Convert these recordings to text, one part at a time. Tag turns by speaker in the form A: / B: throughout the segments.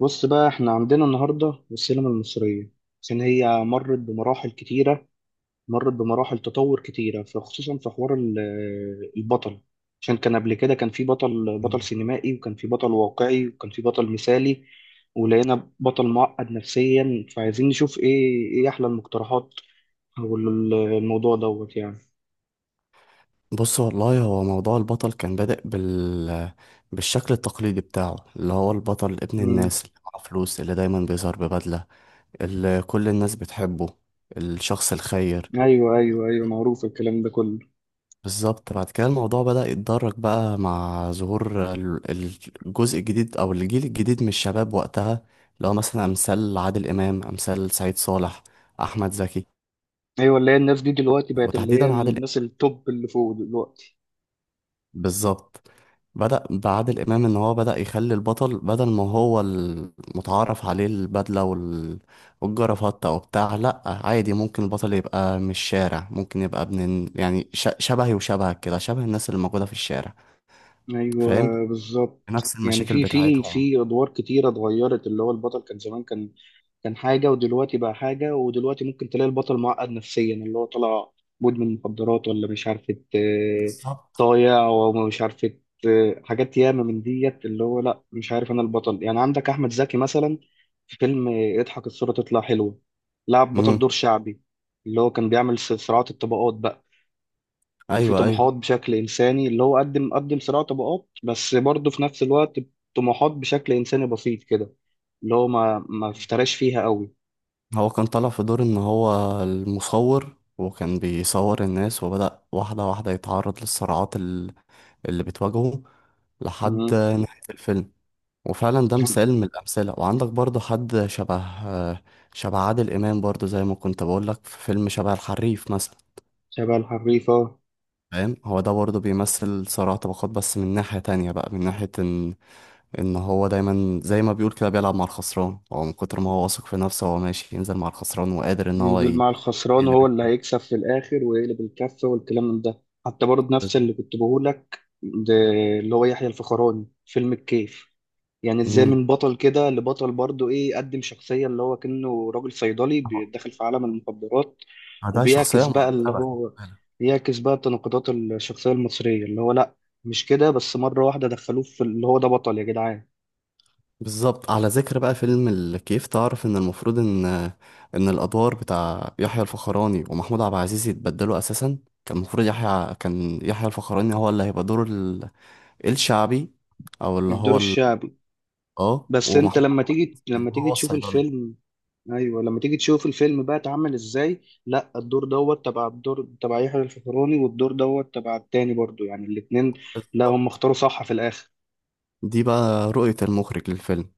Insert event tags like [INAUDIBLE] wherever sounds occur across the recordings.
A: بص بقى احنا عندنا النهارده السينما المصريه، عشان هي مرت بمراحل كتيره. مرت بمراحل تطور كتيره، فخصوصا في حوار البطل. عشان كان قبل كده كان في بطل
B: مم.
A: سينمائي، وكان في بطل واقعي، وكان في بطل مثالي. ولقينا بطل معقد نفسيا، فعايزين نشوف ايه احلى المقترحات، او الموضوع دوت يعني.
B: بص والله هو موضوع البطل كان بادئ بالشكل التقليدي بتاعه اللي هو البطل ابن
A: مم.
B: الناس اللي معاه فلوس اللي دايما بيظهر ببدلة اللي كل الناس بتحبه، الشخص الخير.
A: ايوه، ايوه، ايوه، معروف الكلام ده كله.
B: بالظبط، بعد كده الموضوع بدأ يتدرج بقى مع ظهور الجزء الجديد أو الجيل الجديد من الشباب وقتها، اللي هو مثلا أمثال عادل إمام، أمثال سعيد صالح، أحمد زكي،
A: ايوه، اللي هي الناس دي دلوقتي بقت اللي هي
B: وتحديدا عادل.
A: الناس التوب اللي فوق دلوقتي.
B: بالظبط، بدأ بعادل إمام إن هو بدأ يخلي البطل بدل ما هو المتعارف عليه البدلة والجرافطة وبتاع، لأ عادي ممكن البطل يبقى من الشارع، ممكن يبقى يعني شبهي وشبهك كده، شبه الناس اللي موجودة في الشارع. فاهم،
A: ايوه بالظبط.
B: نفس
A: يعني
B: المشاكل
A: في في
B: بتاعتهم.
A: في ادوار كتيره اتغيرت، اللي هو البطل كان زمان كان حاجه، ودلوقتي بقى حاجه، ودلوقتي ممكن تلاقي البطل معقد نفسيا اللي هو طلع مدمن مخدرات ولا مش عارفه،
B: بالظبط.
A: طايع ومش عارفه حاجات ياما من ديت، اللي هو لا مش عارف انا البطل. يعني عندك احمد زكي مثلا في فيلم اضحك الصوره تطلع حلوه، لعب بطل
B: امم.
A: دور شعبي، اللي هو كان بيعمل صراعات الطبقات بقى، وفي
B: أيوه أيوه.
A: طموحات بشكل انساني. اللي هو قدم صراع طبقات، بس برضه في نفس الوقت طموحات بشكل انساني بسيط كده، اللي هو ما افتراش فيها قوي.
B: هو كان طالع في دور إن هو المصور وكان بيصور الناس وبدأ واحدة واحدة يتعرض للصراعات اللي بتواجهه لحد
A: مم.
B: نهاية الفيلم. وفعلا ده مثال من الأمثلة، وعندك برضو حد شبه عادل إمام برضو، زي ما كنت بقولك، في فيلم شبه الحريف مثلا.
A: شبه الحريفة.
B: فاهم، هو ده برضو بيمثل صراع طبقات، بس من ناحية تانية بقى، من ناحية إن إن هو دايما زي ما بيقول كده بيلعب مع الخسران، هو من كتر ما هو واثق في نفسه هو ماشي ينزل مع الخسران وقادر إن هو
A: ينزل مع
B: هي
A: الخسران،
B: اللي
A: هو اللي
B: بتكلم.
A: هيكسب في الآخر ويقلب الكفة. والكلام من ده حتى برضه نفس اللي كنت بقولك ده، اللي هو يحيى الفخراني فيلم الكيف. يعني ازاي من بطل كده لبطل برضه ايه؟ قدم شخصية اللي هو كأنه راجل صيدلي بيدخل في عالم المخدرات،
B: ده شخصية
A: وبيعكس بقى اللي
B: مركبة.
A: هو بيعكس بقى تناقضات الشخصية المصرية، اللي هو لا مش كده بس، مرة واحدة دخلوه في اللي هو ده بطل يا جدعان.
B: بالظبط. على ذكر بقى فيلم الكيف، تعرف ان المفروض ان ان الادوار بتاع يحيى الفخراني ومحمود عبد العزيز يتبدلوا اساسا. كان المفروض يحيى، كان يحيى الفخراني هو اللي هيبقى دور الشعبي، او اللي
A: الدور
B: هو ال...
A: الشعبي.
B: اه
A: بس انت
B: ومحمود عبد
A: لما تيجي،
B: العزيز هو
A: تشوف
B: الصيدلي.
A: الفيلم، ايوه لما تيجي تشوف الفيلم بقى اتعمل ازاي، لا الدور دوت تبع، الدور تبع يحيى الفخراني، والدور دوت تبع التاني برضو، يعني الاتنين. لا هم
B: بالظبط.
A: اختاروا صح في الاخر.
B: دي بقى رؤية المخرج للفيلم.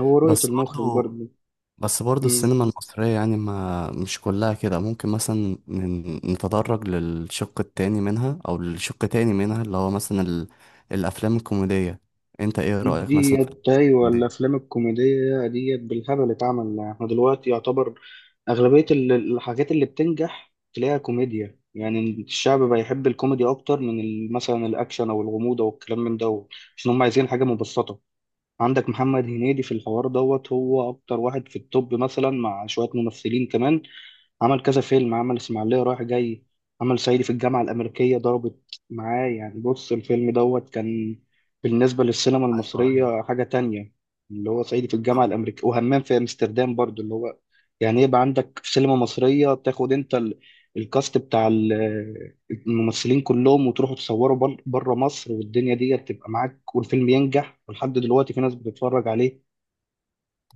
A: هو رؤية
B: بس
A: المخرج
B: برضو
A: برضو.
B: بس برضو
A: مم.
B: السينما المصرية يعني ما مش كلها كده، ممكن مثلا نتدرج للشق التاني منها أو لشق تاني منها، اللي هو مثلا الأفلام الكوميدية. أنت إيه رأيك مثلا في
A: ديت، ايوه
B: الكوميدية؟
A: الافلام الكوميديه ديت بالهبل اتعمل. احنا دلوقتي يعتبر اغلبيه الحاجات اللي بتنجح تلاقيها كوميديا. يعني الشعب بقى يحب الكوميدي اكتر من مثلا الاكشن او الغموض او الكلام من ده، عشان هم عايزين حاجه مبسطه. عندك محمد هنيدي في الحوار دوت هو اكتر واحد في التوب، مثلا مع شويه ممثلين كمان. عمل كذا فيلم، عمل اسماعيلية رايح جاي، عمل صعيدي في الجامعة الأمريكية. ضربت معاه يعني، بص الفيلم دوت كان بالنسبة للسينما المصرية حاجة تانية. اللي هو صعيدي في الجامعة الأمريكية، وهمام في أمستردام برضو، اللي هو يعني يبقى عندك في سينما مصرية تاخد أنت الكاست بتاع الممثلين كلهم، وتروحوا تصوروا بره مصر، والدنيا دي تبقى معاك، والفيلم ينجح ولحد دلوقتي في ناس بتتفرج عليه.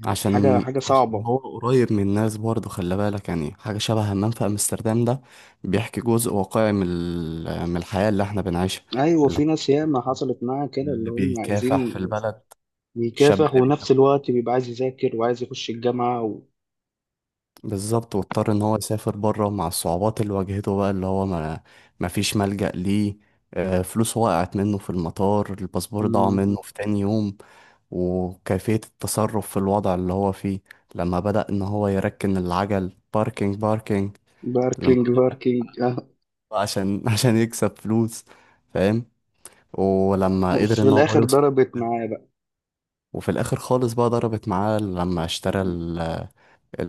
A: يعني حاجة
B: عشان
A: حاجة
B: عشان
A: صعبة.
B: هو قريب من الناس برضو، خلي بالك، يعني حاجة شبه همام في أمستردام ده بيحكي جزء واقعي من من الحياة اللي احنا بنعيشها.
A: ايوه
B: اللي هو
A: في ناس
B: الشاب
A: ياما حصلت معاها كده، اللي
B: اللي
A: هم
B: بيكافح في
A: عايزين
B: البلد، الشاب
A: بيكافح،
B: اللي
A: ونفس
B: بيكافح.
A: الوقت بيبقى عايز يذاكر وعايز يخش الجامعة و...
B: بالظبط، واضطر ان هو يسافر بره مع الصعوبات اللي واجهته بقى، اللي هو ما فيش ملجأ ليه. فلوسه وقعت منه في المطار، الباسبور ضاع
A: مم.
B: منه في تاني يوم، وكيفية التصرف في الوضع اللي هو فيه، لما بدأ ان هو يركن العجل، باركينج باركينج. لما
A: باركينج باركينج [LAUGHS]
B: عشان [LAUGHS] عشان يكسب فلوس، فاهم، ولما
A: آه.
B: قدر
A: في
B: ان هو
A: الآخر
B: يوصل.
A: ضربت
B: [LAUGHS]
A: معاه بقى،
B: وفي الاخر خالص بقى ضربت معاه لما اشترى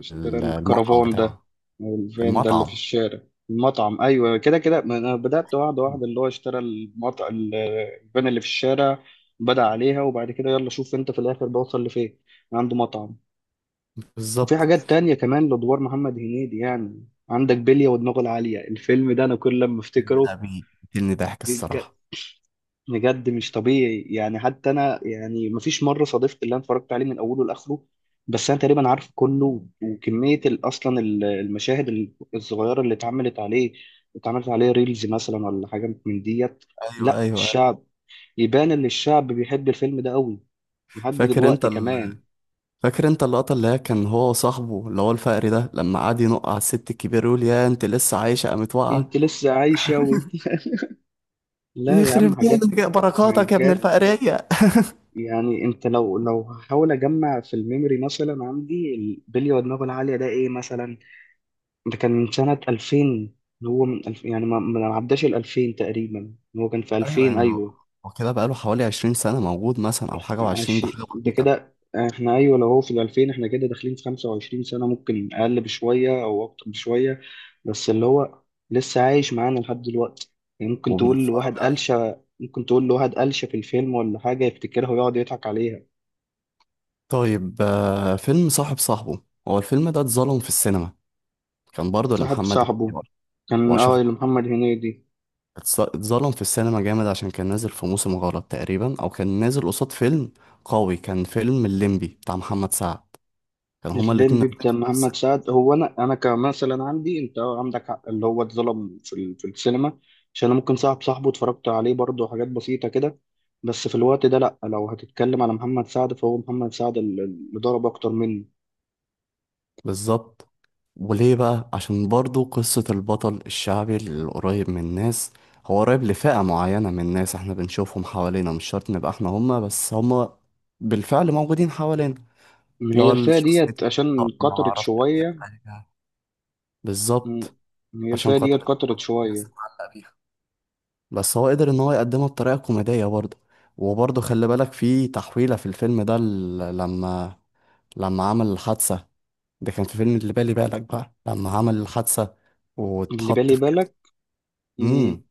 A: اشترى
B: المطعم
A: الكرفان ده،
B: بتاعه.
A: أو الفان ده اللي في
B: المطعم.
A: الشارع. المطعم أيوة، كده كده. ما أنا بدأت واحدة واحدة، اللي هو اشترى المطعم، الفان اللي في الشارع، بدأ عليها، وبعد كده يلا شوف أنت في الآخر بوصل لفين، عنده مطعم. وفي
B: بالظبط.
A: حاجات تانية كمان لأدوار محمد هنيدي يعني. عندك بلية ودماغه العالية. الفيلم ده أنا كل لما
B: الفيلم ده
A: أفتكره،
B: بيقتلني ضحك الصراحة.
A: بجد مش طبيعي. يعني حتى انا يعني مفيش مره صادفت اللي انا اتفرجت عليه من اوله لاخره، بس انا تقريبا عارف كله. وكميه اصلا المشاهد الصغيره اللي اتعملت عليه اتعملت عليه ريلز مثلا، ولا حاجه من ديت.
B: ايوه
A: لا
B: ايوه.
A: الشعب، يبان ان الشعب بيحب الفيلم ده قوي، لحد
B: فاكر وال- انت
A: دلوقتي
B: ال...
A: كمان.
B: فاكر انت اللقطة اللي هي كان هو وصاحبه اللي هو الفقري ده، لما قعد ينق على الست الكبيرة يقول يا انت لسه عايشة، قامت واقعة،
A: انت لسه عايشه، وانت [LAUGHS] لا يا عم،
B: يخرب
A: حاجات
B: بيتك يا بركاتك يا ابن
A: حاجات.
B: الفقرية.
A: يعني انت لو، هحاول اجمع في الميموري مثلا عندي، البلي ودماغه العاليه ده ايه مثلا؟ ده كان من سنة 2000. اللي هو من ألف، يعني ما عداش ال 2000 تقريبا، هو كان في
B: ايوه
A: 2000
B: يعني هو،
A: أيوه.
B: هو كده بقاله حوالي 20 سنة موجود مثلا او حاجة وعشرين، بحاجة
A: ده
B: بسيطة.
A: كده احنا، أيوه لو هو في ال 2000، احنا كده داخلين في 25 سنة، ممكن أقل بشوية أو أكتر بشوية. بس اللي هو لسه عايش معانا لحد دلوقتي. يعني ممكن تقول
B: وبنتفرج
A: لواحد
B: عليه.
A: قلشة، ممكن تقول لواحد قلشة في الفيلم ولا حاجة، يفتكرها ويقعد يضحك عليها.
B: طيب. فيلم صاحب صاحبه، هو الفيلم ده اتظلم في السينما، كان برضه
A: صاحب
B: لمحمد
A: صاحبه
B: إمام
A: كان،
B: واشرف.
A: اللي محمد هنيدي.
B: اتظلم في السينما جامد عشان كان نازل في موسم غلط تقريبا، او كان نازل قصاد فيلم قوي، كان فيلم الليمبي بتاع محمد سعد، كان هما الاتنين
A: الليمبي
B: نازلين
A: بتاع
B: في نفس
A: محمد سعد، هو انا، كمثلا عندي، انت عندك حق اللي هو اتظلم في في السينما. عشان انا ممكن صاحب صاحبه اتفرجت عليه برضه، حاجات بسيطه كده، بس في الوقت ده لا، لو هتتكلم على محمد سعد، فهو محمد سعد اللي ضرب اكتر منه.
B: بالظبط. وليه بقى؟ عشان برضو قصة البطل الشعبي القريب من الناس، هو قريب لفئة معينة من الناس احنا بنشوفهم حوالينا، مش شرط نبقى احنا هما، بس هما بالفعل موجودين حوالينا.
A: إن
B: اللي
A: هي
B: هو
A: الفئه
B: الشخصية
A: ديت
B: اللي
A: عشان كترت
B: معرفش فيها
A: شويه.
B: حاجة.
A: مم.
B: بالظبط.
A: إن هي
B: عشان
A: الفئه ديت
B: خاطر إحنا
A: كترت
B: بدأت الناس
A: شويه.
B: تتعلق بيها، بس هو قدر ان هو يقدمها بطريقه كوميديه برضه. وبرضه خلي بالك في تحويله في الفيلم ده، لما عمل الحادثه، ده كان في فيلم اللي بالي بالك بقى، لما عمل الحادثه
A: اللي
B: واتحط
A: بالي
B: في جسم.
A: بالك.
B: امم
A: مم.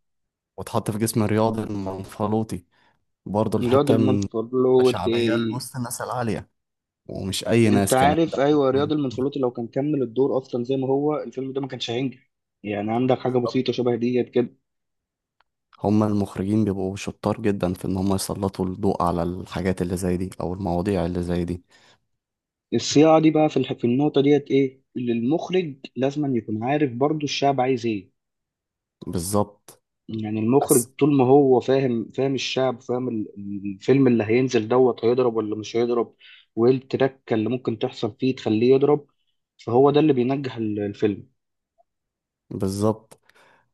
B: واتحط في جسم رياضي المنفلوطي، برضه
A: الواد
B: الحته من
A: المنفر له.
B: شعبيه لوسط الناس العاليه، ومش اي
A: انت
B: ناس كمان
A: عارف
B: ده.
A: ايوه، رياض المنفلوطي لو كان كمل الدور اصلا زي ما هو، الفيلم ده ما كانش هينجح. يعني عندك حاجه بسيطه شبه ديت كده.
B: هم المخرجين بيبقوا شطار جدا في ان هم يسلطوا الضوء على الحاجات اللي زي دي او المواضيع اللي زي دي.
A: الصياعه دي بقى في في النقطه ديت، ايه اللي المخرج لازم يكون عارف برضو الشعب عايز ايه.
B: بالظبط
A: يعني المخرج
B: بس
A: طول ما هو فاهم، الشعب، فاهم الفيلم اللي هينزل دوت هيضرب ولا مش هيضرب، وايه التركه اللي ممكن تحصل فيه تخليه يضرب. فهو ده اللي بينجح الفيلم.
B: بالظبط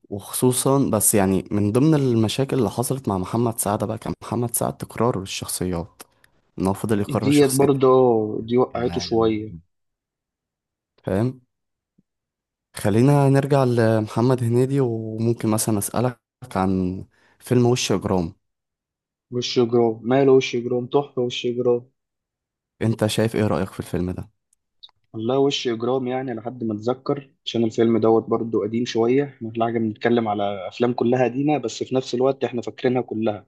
B: وخصوصا، بس يعني من ضمن المشاكل اللي حصلت مع محمد سعد بقى، كان محمد سعد تكرار الشخصيات، ان هو فضل يكرر
A: ديت
B: شخصيته
A: برضه، دي
B: يعني.
A: وقعته شويه.
B: فاهم. خلينا نرجع لمحمد هنيدي، وممكن مثلا اسألك عن فيلم وش اجرام.
A: وش جرام، ماله وش جرام، تحفه وش جرام.
B: انت شايف ايه رأيك في الفيلم ده؟
A: والله وش إجرام، يعني لحد ما أتذكر، عشان الفيلم دوت برضه قديم شوية. إحنا في الحاجة بنتكلم على أفلام كلها قديمة، بس في نفس الوقت إحنا فاكرينها كلها.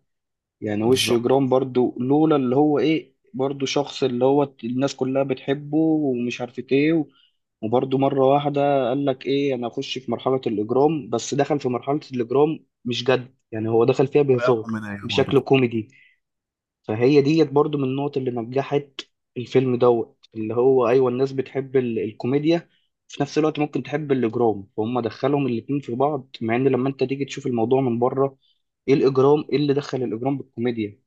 A: يعني وش
B: بالظبط،
A: إجرام برضه، لولا اللي هو إيه برضه، شخص اللي هو الناس كلها بتحبه ومش عارفة إيه. وبرضه مرة واحدة قال لك إيه، أنا أخش في مرحلة الإجرام، بس دخل في مرحلة الإجرام مش جد، يعني هو دخل فيها بهزار،
B: رأيكم من يا
A: بشكل
B: مرضى.
A: كوميدي. فهي ديت برضو من النقط اللي نجحت الفيلم دوت. اللي هو ايوه، الناس بتحب الكوميديا، في نفس الوقت ممكن تحب الاجرام، فهم دخلهم الاتنين في بعض. مع ان لما انت تيجي تشوف الموضوع من بره، ايه الاجرام، ايه اللي دخل الاجرام بالكوميديا؟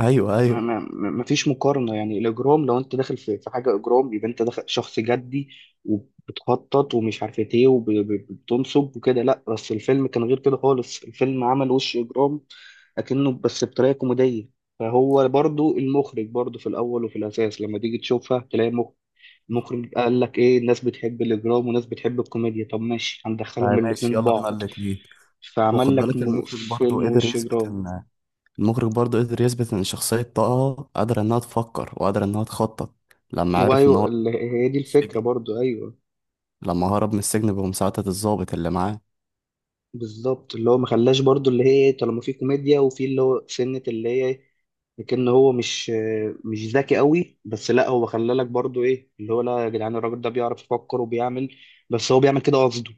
B: ايوه ايوه.
A: ما فيش مقارنة، يعني الإجرام لو أنت داخل في حاجة إجرام، يبقى أنت داخل شخص جدي وبتخطط ومش عارف إيه وبتنصب وكده. لأ، بس الفيلم كان غير كده خالص، الفيلم عمل وش إجرام أكنه، بس بطريقة كوميدية. فهو برضو المخرج برضو في الأول وفي الأساس، لما تيجي تشوفها تلاقي المخرج قال لك إيه، الناس بتحب الإجرام، وناس بتحب الكوميديا، طب ماشي هندخلهم
B: طيب ماشي
A: الاتنين
B: يلا بينا
A: ببعض،
B: الاتنين.
A: فعمل
B: وخد
A: لك
B: بالك المخرج برضه
A: فيلم
B: قدر
A: وش
B: يثبت
A: إجرام.
B: ان المخرج برضه قدر يثبت إن شخصية طه قادرة إنها تفكر وقادرة إنها تخطط، لما عرف إن
A: وأيوه
B: هو
A: هي دي الفكرة
B: السجن،
A: برضو، أيوه
B: لما هرب من السجن بمساعدة الضابط اللي معاه.
A: بالظبط. اللي هو ما خلاش برضو، اللي هي طالما في كوميديا وفي اللي هو سنة اللي هي، لكن هو مش ذكي قوي، بس لا هو خلالك برضو ايه اللي هو، لا يا جدعان الراجل ده بيعرف يفكر وبيعمل، بس هو بيعمل كده قصده.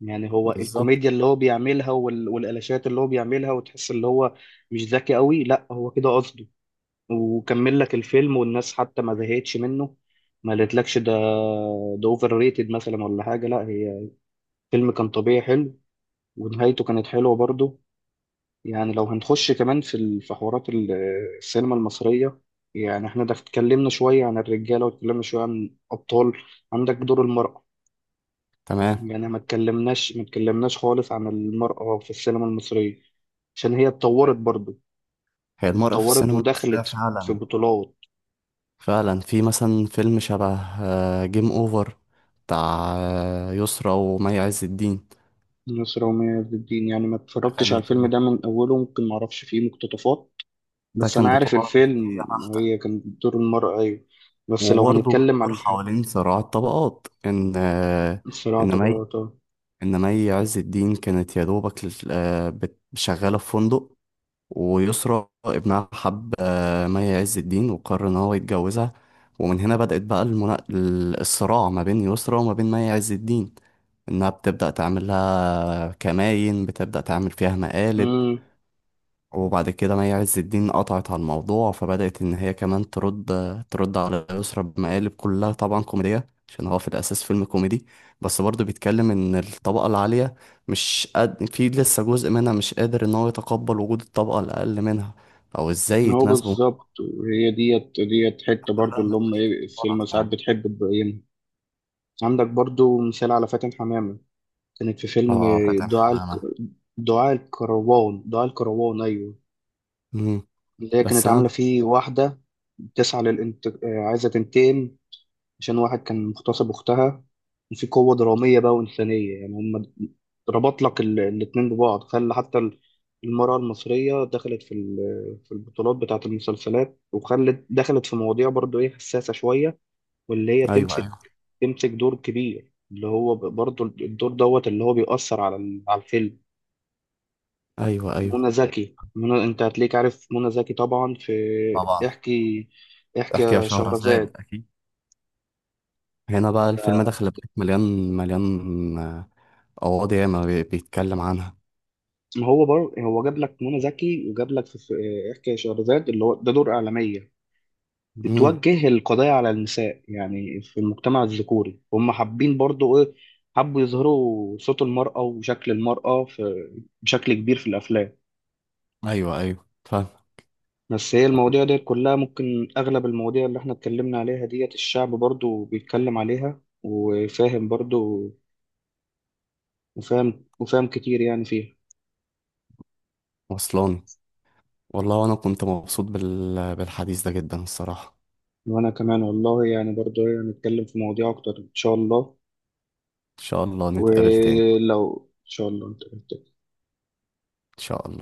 A: يعني هو
B: بالظبط.
A: الكوميديا اللي هو بيعملها، وال- والقلاشات اللي هو بيعملها، وتحس اللي هو مش ذكي قوي، لا هو كده قصده. وكمل لك الفيلم، والناس حتى ما زهقتش منه، ما قالتلكش ده، ده اوفر ريتد مثلا ولا حاجة. لا، هي الفيلم كان طبيعي حلو، ونهايته كانت حلوة برضه. يعني لو هنخش كمان في في حوارات السينما المصرية، يعني احنا ده اتكلمنا شوية عن الرجالة، واتكلمنا شوية عن أبطال، عندك دور المرأة.
B: تمام.
A: يعني ما اتكلمناش خالص عن المرأة في السينما المصرية، عشان هي اتطورت برضو.
B: هي المرأة في
A: اتطورت
B: السينما المصرية
A: ودخلت في
B: فعلا،
A: بطولات.
B: فعلا في مثلا فيلم شبه جيم أوفر بتاع يسرا ومي عز الدين.
A: نصر ومية عز الدين، يعني ما
B: ده
A: اتفرجتش
B: كان
A: على
B: كان
A: الفيلم ده
B: بطولة-
A: من أوله، ممكن ما أعرفش فيه مقتطفات،
B: ده
A: بس أنا
B: كان
A: عارف
B: بطولة مصرية
A: الفيلم،
B: بحتة.
A: هي كانت دور المرأة أيوة. بس لو
B: وبرضه
A: هنتكلم
B: بتدور
A: عن
B: حوالين صراع الطبقات إن آه،
A: الصراع
B: إن مي
A: طبعا.
B: إنما هي عز الدين كانت يا دوبك شغالة في فندق، ويسرى ابنها حب مي عز الدين وقرر إن هو يتجوزها. ومن هنا بدأت بقى الصراع ما بين يسرى وما بين مي عز الدين، إنها بتبدأ تعمل لها كماين، بتبدأ تعمل فيها مقالب.
A: طبعا
B: وبعد كده مي عز الدين قطعت على الموضوع، فبدأت إن هي كمان ترد، ترد على يسرا بمقالب كلها طبعا كوميدية عشان هو في الأساس فيلم كوميدي. بس برضه بيتكلم إن الطبقة العالية مش قد في، لسه جزء منها مش قادر إن هو يتقبل وجود الطبقة الأقل منها، أو إزاي
A: هو
B: يتناسبوا،
A: بالظبط، وهي ديت حتة برضو
B: كلها
A: اللي
B: من
A: هم
B: مشاكل
A: ايه السينما
B: غلط
A: ساعات
B: يعني.
A: بتحب تبينها. عندك برضو مثال على فاتن حمامة، كانت في فيلم
B: اه، فاتن
A: دعاء الك...
B: حمامة.
A: دعاء الكروان. دعاء الكروان أيوه،
B: مم.
A: اللي هي
B: بس
A: كانت
B: أنا.
A: عاملة فيه واحدة بتسعى للانت... آه، عايزة تنتقم، عشان واحد كان مغتصب أختها. في قوة درامية بقى وإنسانية، يعني هم ربط لك الاتنين ببعض، خلى حتى المرأة المصرية دخلت في في البطولات بتاعة المسلسلات، دخلت في مواضيع برضو إيه حساسة شوية، واللي هي
B: أيوه أيوه.
A: تمسك دور كبير، اللي هو برضو الدور دوت اللي هو بيأثر على على الفيلم.
B: أيوه أيوه.
A: منى زكي، أنت هتلاقيك عارف منى زكي طبعا في
B: طبعا.
A: احكي، احكي
B: احكي يا
A: يا
B: شهرزاد،
A: شهرزاد.
B: أكيد. هنا بقى الفيلم ده خلي بالك مليان، مليان قواضي ياما بيتكلم عنها.
A: ما هو برضه هو جاب لك منى زكي، وجاب لك في احكي يا شهرزاد، اللي هو ده دور اعلاميه
B: امم.
A: بتوجه القضايا على النساء. يعني في المجتمع الذكوري هم حابين برضه ايه، حبوا يظهروا صوت المراه وشكل المراه في بشكل كبير في الافلام.
B: ايوه ايوه، فاهم.
A: بس هي المواضيع ديت كلها ممكن، اغلب المواضيع اللي احنا اتكلمنا عليها ديت، الشعب برضه بيتكلم عليها وفاهم برضه، وفاهم كتير يعني فيها.
B: وصلاني. والله وانا كنت مبسوط بالحديث ده جدا الصراحة.
A: وانا كمان والله، يعني برضه هنتكلم في مواضيع اكتر ان شاء الله.
B: ان شاء الله نتقابل تاني.
A: ولو ان شاء الله انت
B: ان شاء الله.